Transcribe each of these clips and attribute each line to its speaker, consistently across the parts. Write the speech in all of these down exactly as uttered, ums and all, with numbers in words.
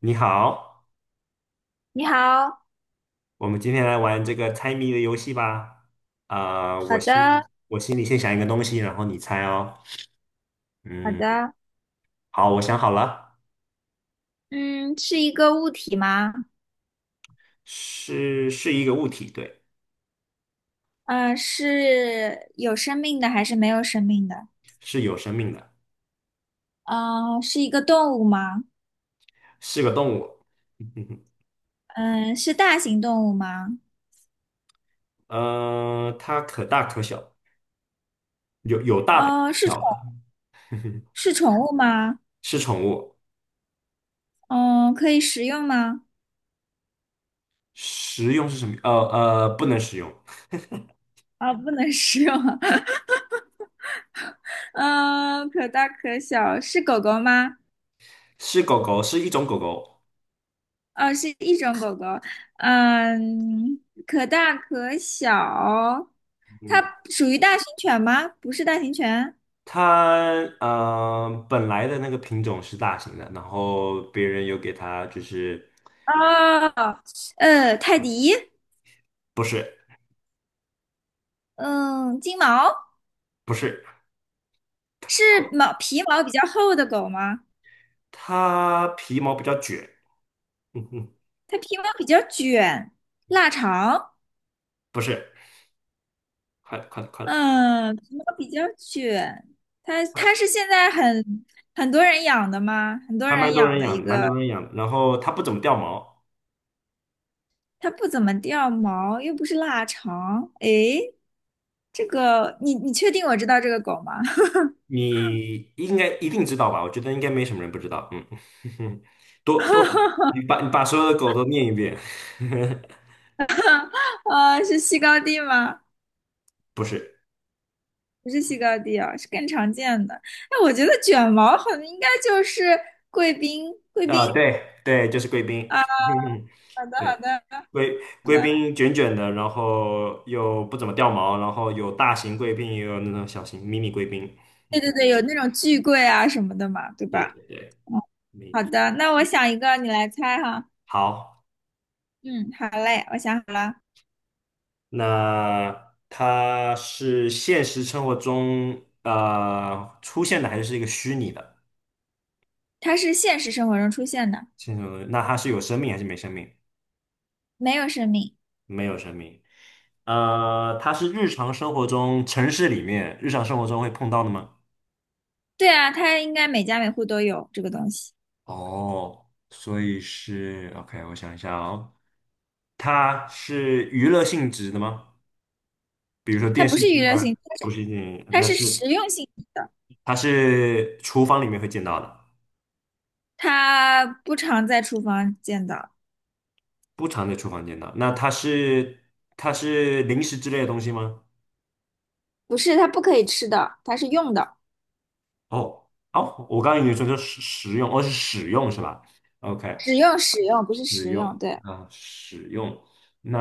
Speaker 1: 你好，
Speaker 2: 你好，
Speaker 1: 我们今天来玩这个猜谜的游戏吧。啊、
Speaker 2: 好
Speaker 1: 我
Speaker 2: 的，
Speaker 1: 心我心里先想一个东西，然后你猜哦。
Speaker 2: 好
Speaker 1: 嗯，
Speaker 2: 的，
Speaker 1: 好，我想好了，
Speaker 2: 嗯，是一个物体吗？
Speaker 1: 是是一个物体，对，
Speaker 2: 嗯、是有生命的还是没有生命的？
Speaker 1: 是有生命的，
Speaker 2: 嗯、是一个动物吗？
Speaker 1: 是个动物。
Speaker 2: 嗯、是大型动物吗？
Speaker 1: 呃，它可大可小，有有大的
Speaker 2: 呃，
Speaker 1: 有
Speaker 2: 是宠
Speaker 1: 小的，
Speaker 2: 是宠物吗？
Speaker 1: 是宠物。
Speaker 2: 嗯、可以食用吗？
Speaker 1: 食用是什么？呃呃，不能食用，
Speaker 2: 啊、不能食用。嗯、可大可小，是狗狗吗？
Speaker 1: 是狗狗，是一种狗狗。
Speaker 2: 哦、是一种狗狗。嗯、可大可小，它
Speaker 1: 嗯。
Speaker 2: 属于大型犬吗？不是大型犬。
Speaker 1: 它呃本来的那个品种是大型的，然后别人有给它就是
Speaker 2: 哦，呃，泰迪，
Speaker 1: 不是
Speaker 2: 嗯，金毛
Speaker 1: 不是，
Speaker 2: 是毛皮毛比较厚的狗吗？
Speaker 1: 它皮毛比较卷，嗯哼，
Speaker 2: 它皮毛比较卷，腊肠，
Speaker 1: 不是，快了快了快了，
Speaker 2: 嗯，皮毛比较卷。它它是现在很很多人养的吗？很多
Speaker 1: 还蛮
Speaker 2: 人
Speaker 1: 多
Speaker 2: 养
Speaker 1: 人
Speaker 2: 的一
Speaker 1: 养，蛮
Speaker 2: 个，
Speaker 1: 多人养的，然后它不怎么掉毛，
Speaker 2: 它不怎么掉毛，又不是腊肠。诶，这个你你确定我知道这个狗吗？
Speaker 1: 你应该一定知道吧？我觉得应该没什么人不知道，嗯，多多，你 把你把所有的狗都念一遍，
Speaker 2: 啊，是西高地吗？
Speaker 1: 不是，
Speaker 2: 不是西高地啊，是更常见的。哎，我觉得卷毛好像应该就是贵宾，贵
Speaker 1: 啊、
Speaker 2: 宾
Speaker 1: 对对，就是贵宾，
Speaker 2: 啊。好的，好
Speaker 1: 对。
Speaker 2: 的。
Speaker 1: 贵贵宾卷卷的，然后又不怎么掉毛，然后有大型贵宾，也有那种小型迷你贵宾。
Speaker 2: 对对对，有那种巨贵啊什么的嘛，对
Speaker 1: 对
Speaker 2: 吧？
Speaker 1: 对对，
Speaker 2: 嗯，
Speaker 1: 没
Speaker 2: 好的，那我想一个，你来猜哈。
Speaker 1: 好，
Speaker 2: 嗯，好嘞，我想好了，
Speaker 1: 那它是现实生活中呃出现的，还是一个虚拟的？
Speaker 2: 它是现实生活中出现的，
Speaker 1: 现实生活中那它是有生命还是没生命？
Speaker 2: 没有生命。
Speaker 1: 没有生命。呃，它是日常生活中城市里面日常生活中会碰到的吗？
Speaker 2: 对啊，它应该每家每户都有这个东西。
Speaker 1: 哦，所以是 OK，我想一下哦，它是娱乐性质的吗？比如说
Speaker 2: 它
Speaker 1: 电
Speaker 2: 不
Speaker 1: 视
Speaker 2: 是娱
Speaker 1: 机
Speaker 2: 乐
Speaker 1: 啊，
Speaker 2: 性质，它是
Speaker 1: 不是电影，
Speaker 2: 它
Speaker 1: 那
Speaker 2: 是
Speaker 1: 是
Speaker 2: 实用性质的，
Speaker 1: 它是厨房里面会见到的，
Speaker 2: 它不常在厨房见到。
Speaker 1: 不常在厨房见到。那它是它是零食之类的东西吗？
Speaker 2: 不是，它不可以吃的，它是用的。
Speaker 1: 哦哦，我刚刚已经说是使食用，哦是使用是吧？OK，
Speaker 2: 使用使用不是
Speaker 1: 使
Speaker 2: 实用，
Speaker 1: 用
Speaker 2: 对，
Speaker 1: 啊，使用。那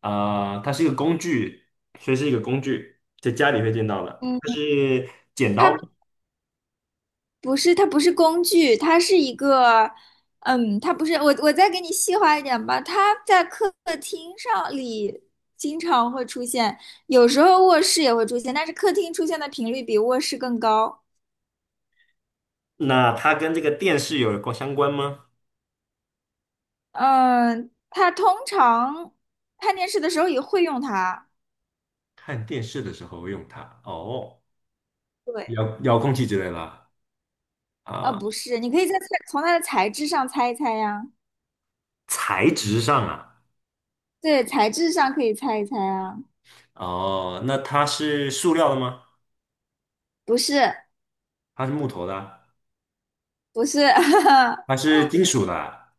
Speaker 1: 啊、呃它是一个工具，所以是一个工具，在家里会见到的。
Speaker 2: 嗯，
Speaker 1: 它是剪刀吗？
Speaker 2: 它不是它不是工具，它是一个，嗯，它不是我我再给你细化一点吧，它在客厅上里经常会出现，有时候卧室也会出现，但是客厅出现的频率比卧室更高，
Speaker 1: 那它跟这个电视有关相关吗？
Speaker 2: 嗯，它通常看电视的时候也会用它，
Speaker 1: 看电视的时候会用它，哦，
Speaker 2: 对，
Speaker 1: 遥遥控器之类的
Speaker 2: 啊，
Speaker 1: 啊、
Speaker 2: 不是，你可以在猜从它的材质上猜一猜呀，
Speaker 1: 材质上啊，
Speaker 2: 对，材质上可以猜一猜啊，
Speaker 1: 哦，那它是塑料的吗？
Speaker 2: 不是
Speaker 1: 它是木头的啊？
Speaker 2: 不是。
Speaker 1: 它是金属的啊？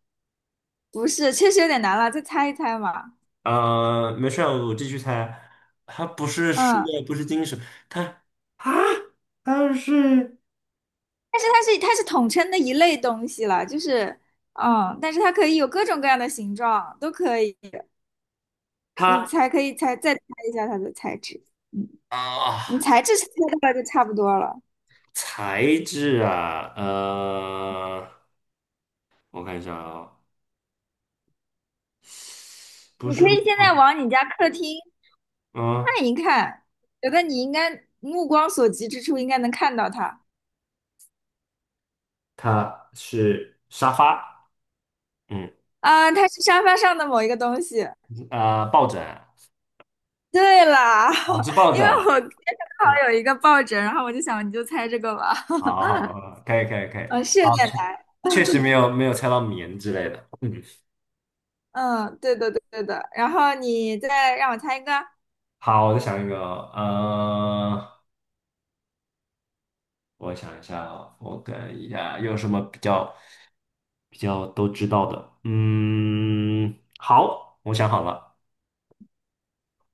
Speaker 2: 不是，确实有点难了，再猜一猜嘛。
Speaker 1: 呃，没事儿，我继续猜，它不是塑
Speaker 2: 嗯，
Speaker 1: 料，不是金属。它。啊，它是
Speaker 2: 但是它是它是统称的一类东西了，就是嗯，但是它可以有各种各样的形状，都可以。你
Speaker 1: 它
Speaker 2: 才可以猜再猜一下它的材质。嗯，你
Speaker 1: 啊，
Speaker 2: 材质猜到了就差不多了。
Speaker 1: 材质啊，呃，我看一下啊、不
Speaker 2: 你
Speaker 1: 是
Speaker 2: 可
Speaker 1: 木
Speaker 2: 以现在
Speaker 1: 头，
Speaker 2: 往你家客厅
Speaker 1: 嗯，
Speaker 2: 看一看，觉得你应该目光所及之处应该能看到它。
Speaker 1: 它是沙发，嗯，
Speaker 2: 啊，它是沙发上的某一个东西。
Speaker 1: 啊、抱枕
Speaker 2: 对啦，
Speaker 1: 啊，是抱
Speaker 2: 因
Speaker 1: 枕
Speaker 2: 为
Speaker 1: 啊，
Speaker 2: 我今天正
Speaker 1: 是
Speaker 2: 好有一个抱枕，然后我就想你就猜这个吧。
Speaker 1: 好好 好，可以可以可以，
Speaker 2: 嗯，是
Speaker 1: 好，
Speaker 2: 有点难。
Speaker 1: 确实没有没有猜到棉之类的，嗯，
Speaker 2: 嗯，对的，对对的。然后你再让我猜一个。
Speaker 1: 好，我再想一个哦呃，我想一下哦，我看一下有什么比较。比较都知道的。嗯，好，我想好了，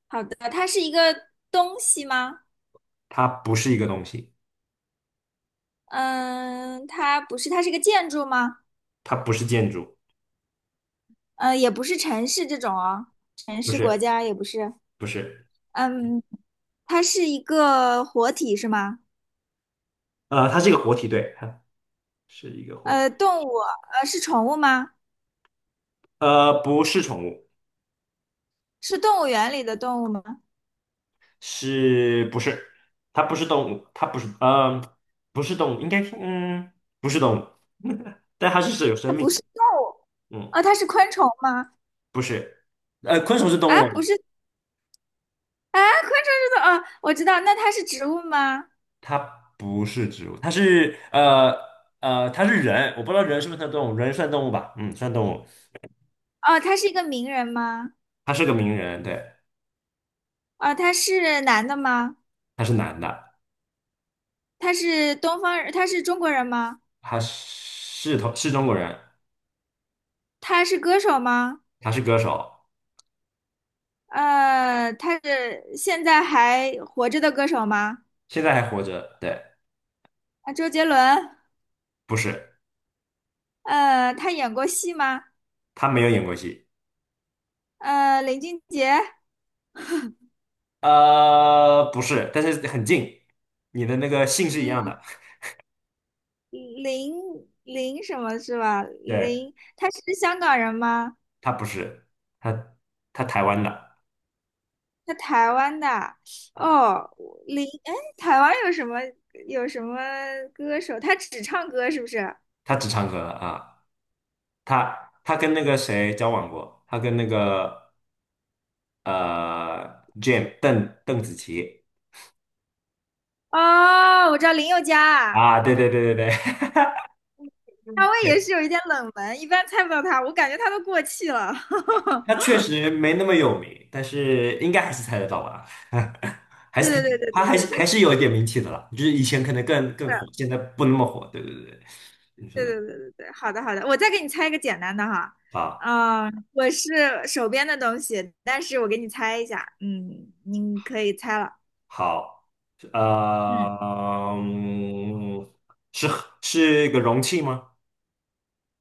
Speaker 2: 好的，它是一个东西吗？
Speaker 1: 它不是一个东西，
Speaker 2: 嗯，它不是，它是个建筑吗？
Speaker 1: 它不是建筑，
Speaker 2: 嗯，也不是城市这种啊，城
Speaker 1: 不
Speaker 2: 市国
Speaker 1: 是，
Speaker 2: 家也不是。
Speaker 1: 不是，
Speaker 2: 嗯，它是一个活体是吗？
Speaker 1: 呃，它是一个活体，对，它 是一个活体，
Speaker 2: 呃，动物，呃，是宠物吗？
Speaker 1: 呃，不是宠物，
Speaker 2: 是动物园里的动物吗？
Speaker 1: 是不是？它不是动物，它不是，呃，不是动物，应该是嗯，不是动物，但它是是有
Speaker 2: 它
Speaker 1: 生命
Speaker 2: 不是
Speaker 1: 的，
Speaker 2: 动物，
Speaker 1: 嗯，
Speaker 2: 哦，它是昆虫吗？
Speaker 1: 不是，呃，昆虫是动
Speaker 2: 啊，
Speaker 1: 物吗？
Speaker 2: 不是，啊，昆虫是动，哦，我知道，那它是植物吗？
Speaker 1: 它不是植物，它是呃呃，它是人，我不知道人是不是算动物，人算动物吧？嗯，算动物。
Speaker 2: 哦，它是一个名人吗？
Speaker 1: 他是个名人，对，
Speaker 2: 啊，他是男的吗？
Speaker 1: 他是男的，
Speaker 2: 他是东方人，他是中国人吗？
Speaker 1: 他是同是中国人，
Speaker 2: 他是歌手吗？
Speaker 1: 他是歌手，
Speaker 2: 呃，他是现在还活着的歌手吗？
Speaker 1: 现在还活着，对，
Speaker 2: 啊，周杰伦。
Speaker 1: 不是，
Speaker 2: 呃，他演过戏吗？
Speaker 1: 他没有演过戏，
Speaker 2: 呃，林俊杰。
Speaker 1: 呃，不是，但是很近，你的那个姓是一样
Speaker 2: 嗯，
Speaker 1: 的，
Speaker 2: 林林什么是吧？
Speaker 1: 对，
Speaker 2: 林，他是香港人吗？
Speaker 1: 他不是，他他台湾的
Speaker 2: 他台湾的。
Speaker 1: 啊，
Speaker 2: 哦，林，哎，台湾有什么有什么歌手？他只唱歌是不是？
Speaker 1: 他只唱歌啊，他他跟那个谁交往过，他跟那个呃 Jam 邓邓紫棋
Speaker 2: 哦，我知道林宥嘉啊。
Speaker 1: 啊，对对对对对
Speaker 2: 夏威也
Speaker 1: 对，
Speaker 2: 是 有一点冷门，一般猜不到它，我感觉它都过气了。
Speaker 1: 他 确实没那么有名，但是应该还是猜得到吧？还
Speaker 2: 对
Speaker 1: 是
Speaker 2: 对
Speaker 1: 挺，
Speaker 2: 对
Speaker 1: 他
Speaker 2: 对
Speaker 1: 还是还是有一点名气的啦，就是以前可能更更火，现在不那么火。对对对，你说
Speaker 2: 对
Speaker 1: 的
Speaker 2: 对对对对对，好的好的，我再给你猜一个简单的哈，
Speaker 1: 啊，
Speaker 2: 嗯、我是手边的东西，但是我给你猜一下，嗯，你可以猜了，
Speaker 1: 好，
Speaker 2: 嗯，
Speaker 1: 呃，嗯是是个容器吗？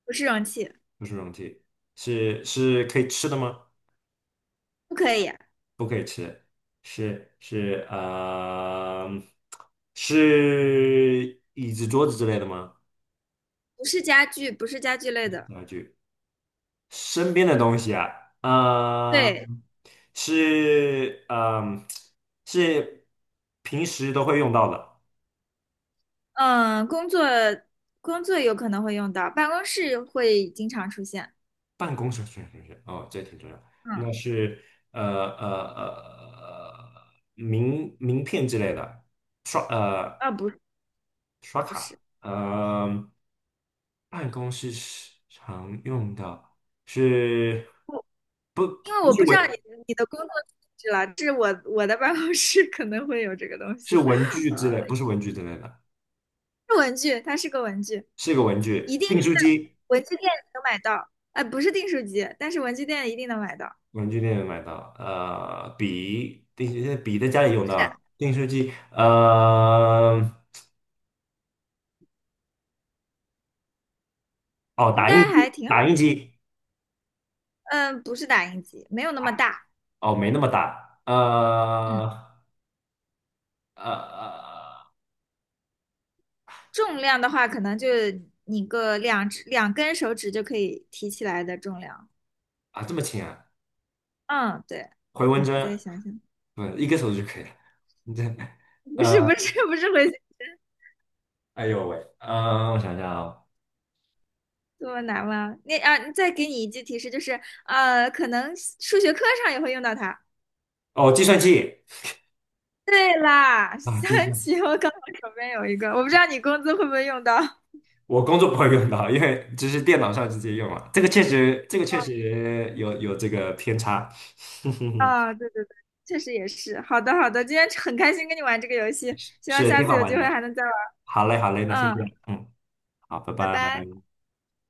Speaker 2: 不是容器，
Speaker 1: 不是容器，是是可以吃的吗？
Speaker 2: 不可以，
Speaker 1: 不可以吃，是是呃，是椅子桌子之类的吗？
Speaker 2: 不是家具，不是家具类的，
Speaker 1: 啊身边的东西啊，呃，
Speaker 2: 对，
Speaker 1: 是，嗯、是平时都会用到的，
Speaker 2: 嗯，工作工作有可能会用到，办公室会经常出现，
Speaker 1: 办公室是要是，哦，这挺重要。
Speaker 2: 嗯，
Speaker 1: 那是呃呃呃名名片之类的，刷呃
Speaker 2: 啊，不是
Speaker 1: 刷
Speaker 2: 不是。
Speaker 1: 卡，呃，办公室是常用的是不
Speaker 2: 因为
Speaker 1: 不
Speaker 2: 我
Speaker 1: 是
Speaker 2: 不知
Speaker 1: 文
Speaker 2: 道你你的工作性质了，这是我我的办公室可能会有这个东
Speaker 1: 是
Speaker 2: 西，
Speaker 1: 文具之
Speaker 2: 呃，
Speaker 1: 类，不是文具之类的，
Speaker 2: 是文具，它是个文具，
Speaker 1: 是个文具，
Speaker 2: 一定是
Speaker 1: 订书机。
Speaker 2: 文具店能买到，呃，不是订书机，但是文具店一定能买到，
Speaker 1: 文具店买到，呃，笔，定笔在家里用
Speaker 2: 不是，
Speaker 1: 的，订书机，呃，哦，
Speaker 2: 应
Speaker 1: 打印
Speaker 2: 该还
Speaker 1: 机，
Speaker 2: 挺好，
Speaker 1: 打印机，
Speaker 2: 嗯、不是打印机，没有那么大，
Speaker 1: 哦，没那么大，
Speaker 2: 嗯，
Speaker 1: 呃，呃，呃
Speaker 2: 重量的话可能就你个两只两根手指就可以提起来的重量，
Speaker 1: 啊，这么轻啊，
Speaker 2: 嗯，对，
Speaker 1: 回纹
Speaker 2: 你
Speaker 1: 针，
Speaker 2: 再想想，
Speaker 1: 不，一个手就可以了，你这，
Speaker 2: 不
Speaker 1: 呃，
Speaker 2: 是不是不是回形。
Speaker 1: 哎呦喂，嗯、我想想啊，
Speaker 2: 这么难吗？那啊，再给你一句提示，就是呃，可能数学课上也会用到它。
Speaker 1: 哦，计算器
Speaker 2: 对啦，
Speaker 1: 啊，
Speaker 2: 象
Speaker 1: 计算器，
Speaker 2: 棋，我刚好手边有一个，我不知道你工资会不会用到。
Speaker 1: 我工作不会用到，因为只是电脑上直接用嘛，这个确实，这个确实有有这个偏差，
Speaker 2: 啊、对对对，确实也是。好的好的，今天很开心跟你玩这个游戏，希望
Speaker 1: 是
Speaker 2: 下
Speaker 1: 挺
Speaker 2: 次
Speaker 1: 好
Speaker 2: 有机
Speaker 1: 玩
Speaker 2: 会
Speaker 1: 的。
Speaker 2: 还能再玩。
Speaker 1: 好嘞，好嘞，那先这
Speaker 2: 嗯，
Speaker 1: 样，嗯，好，拜
Speaker 2: 拜
Speaker 1: 拜。
Speaker 2: 拜。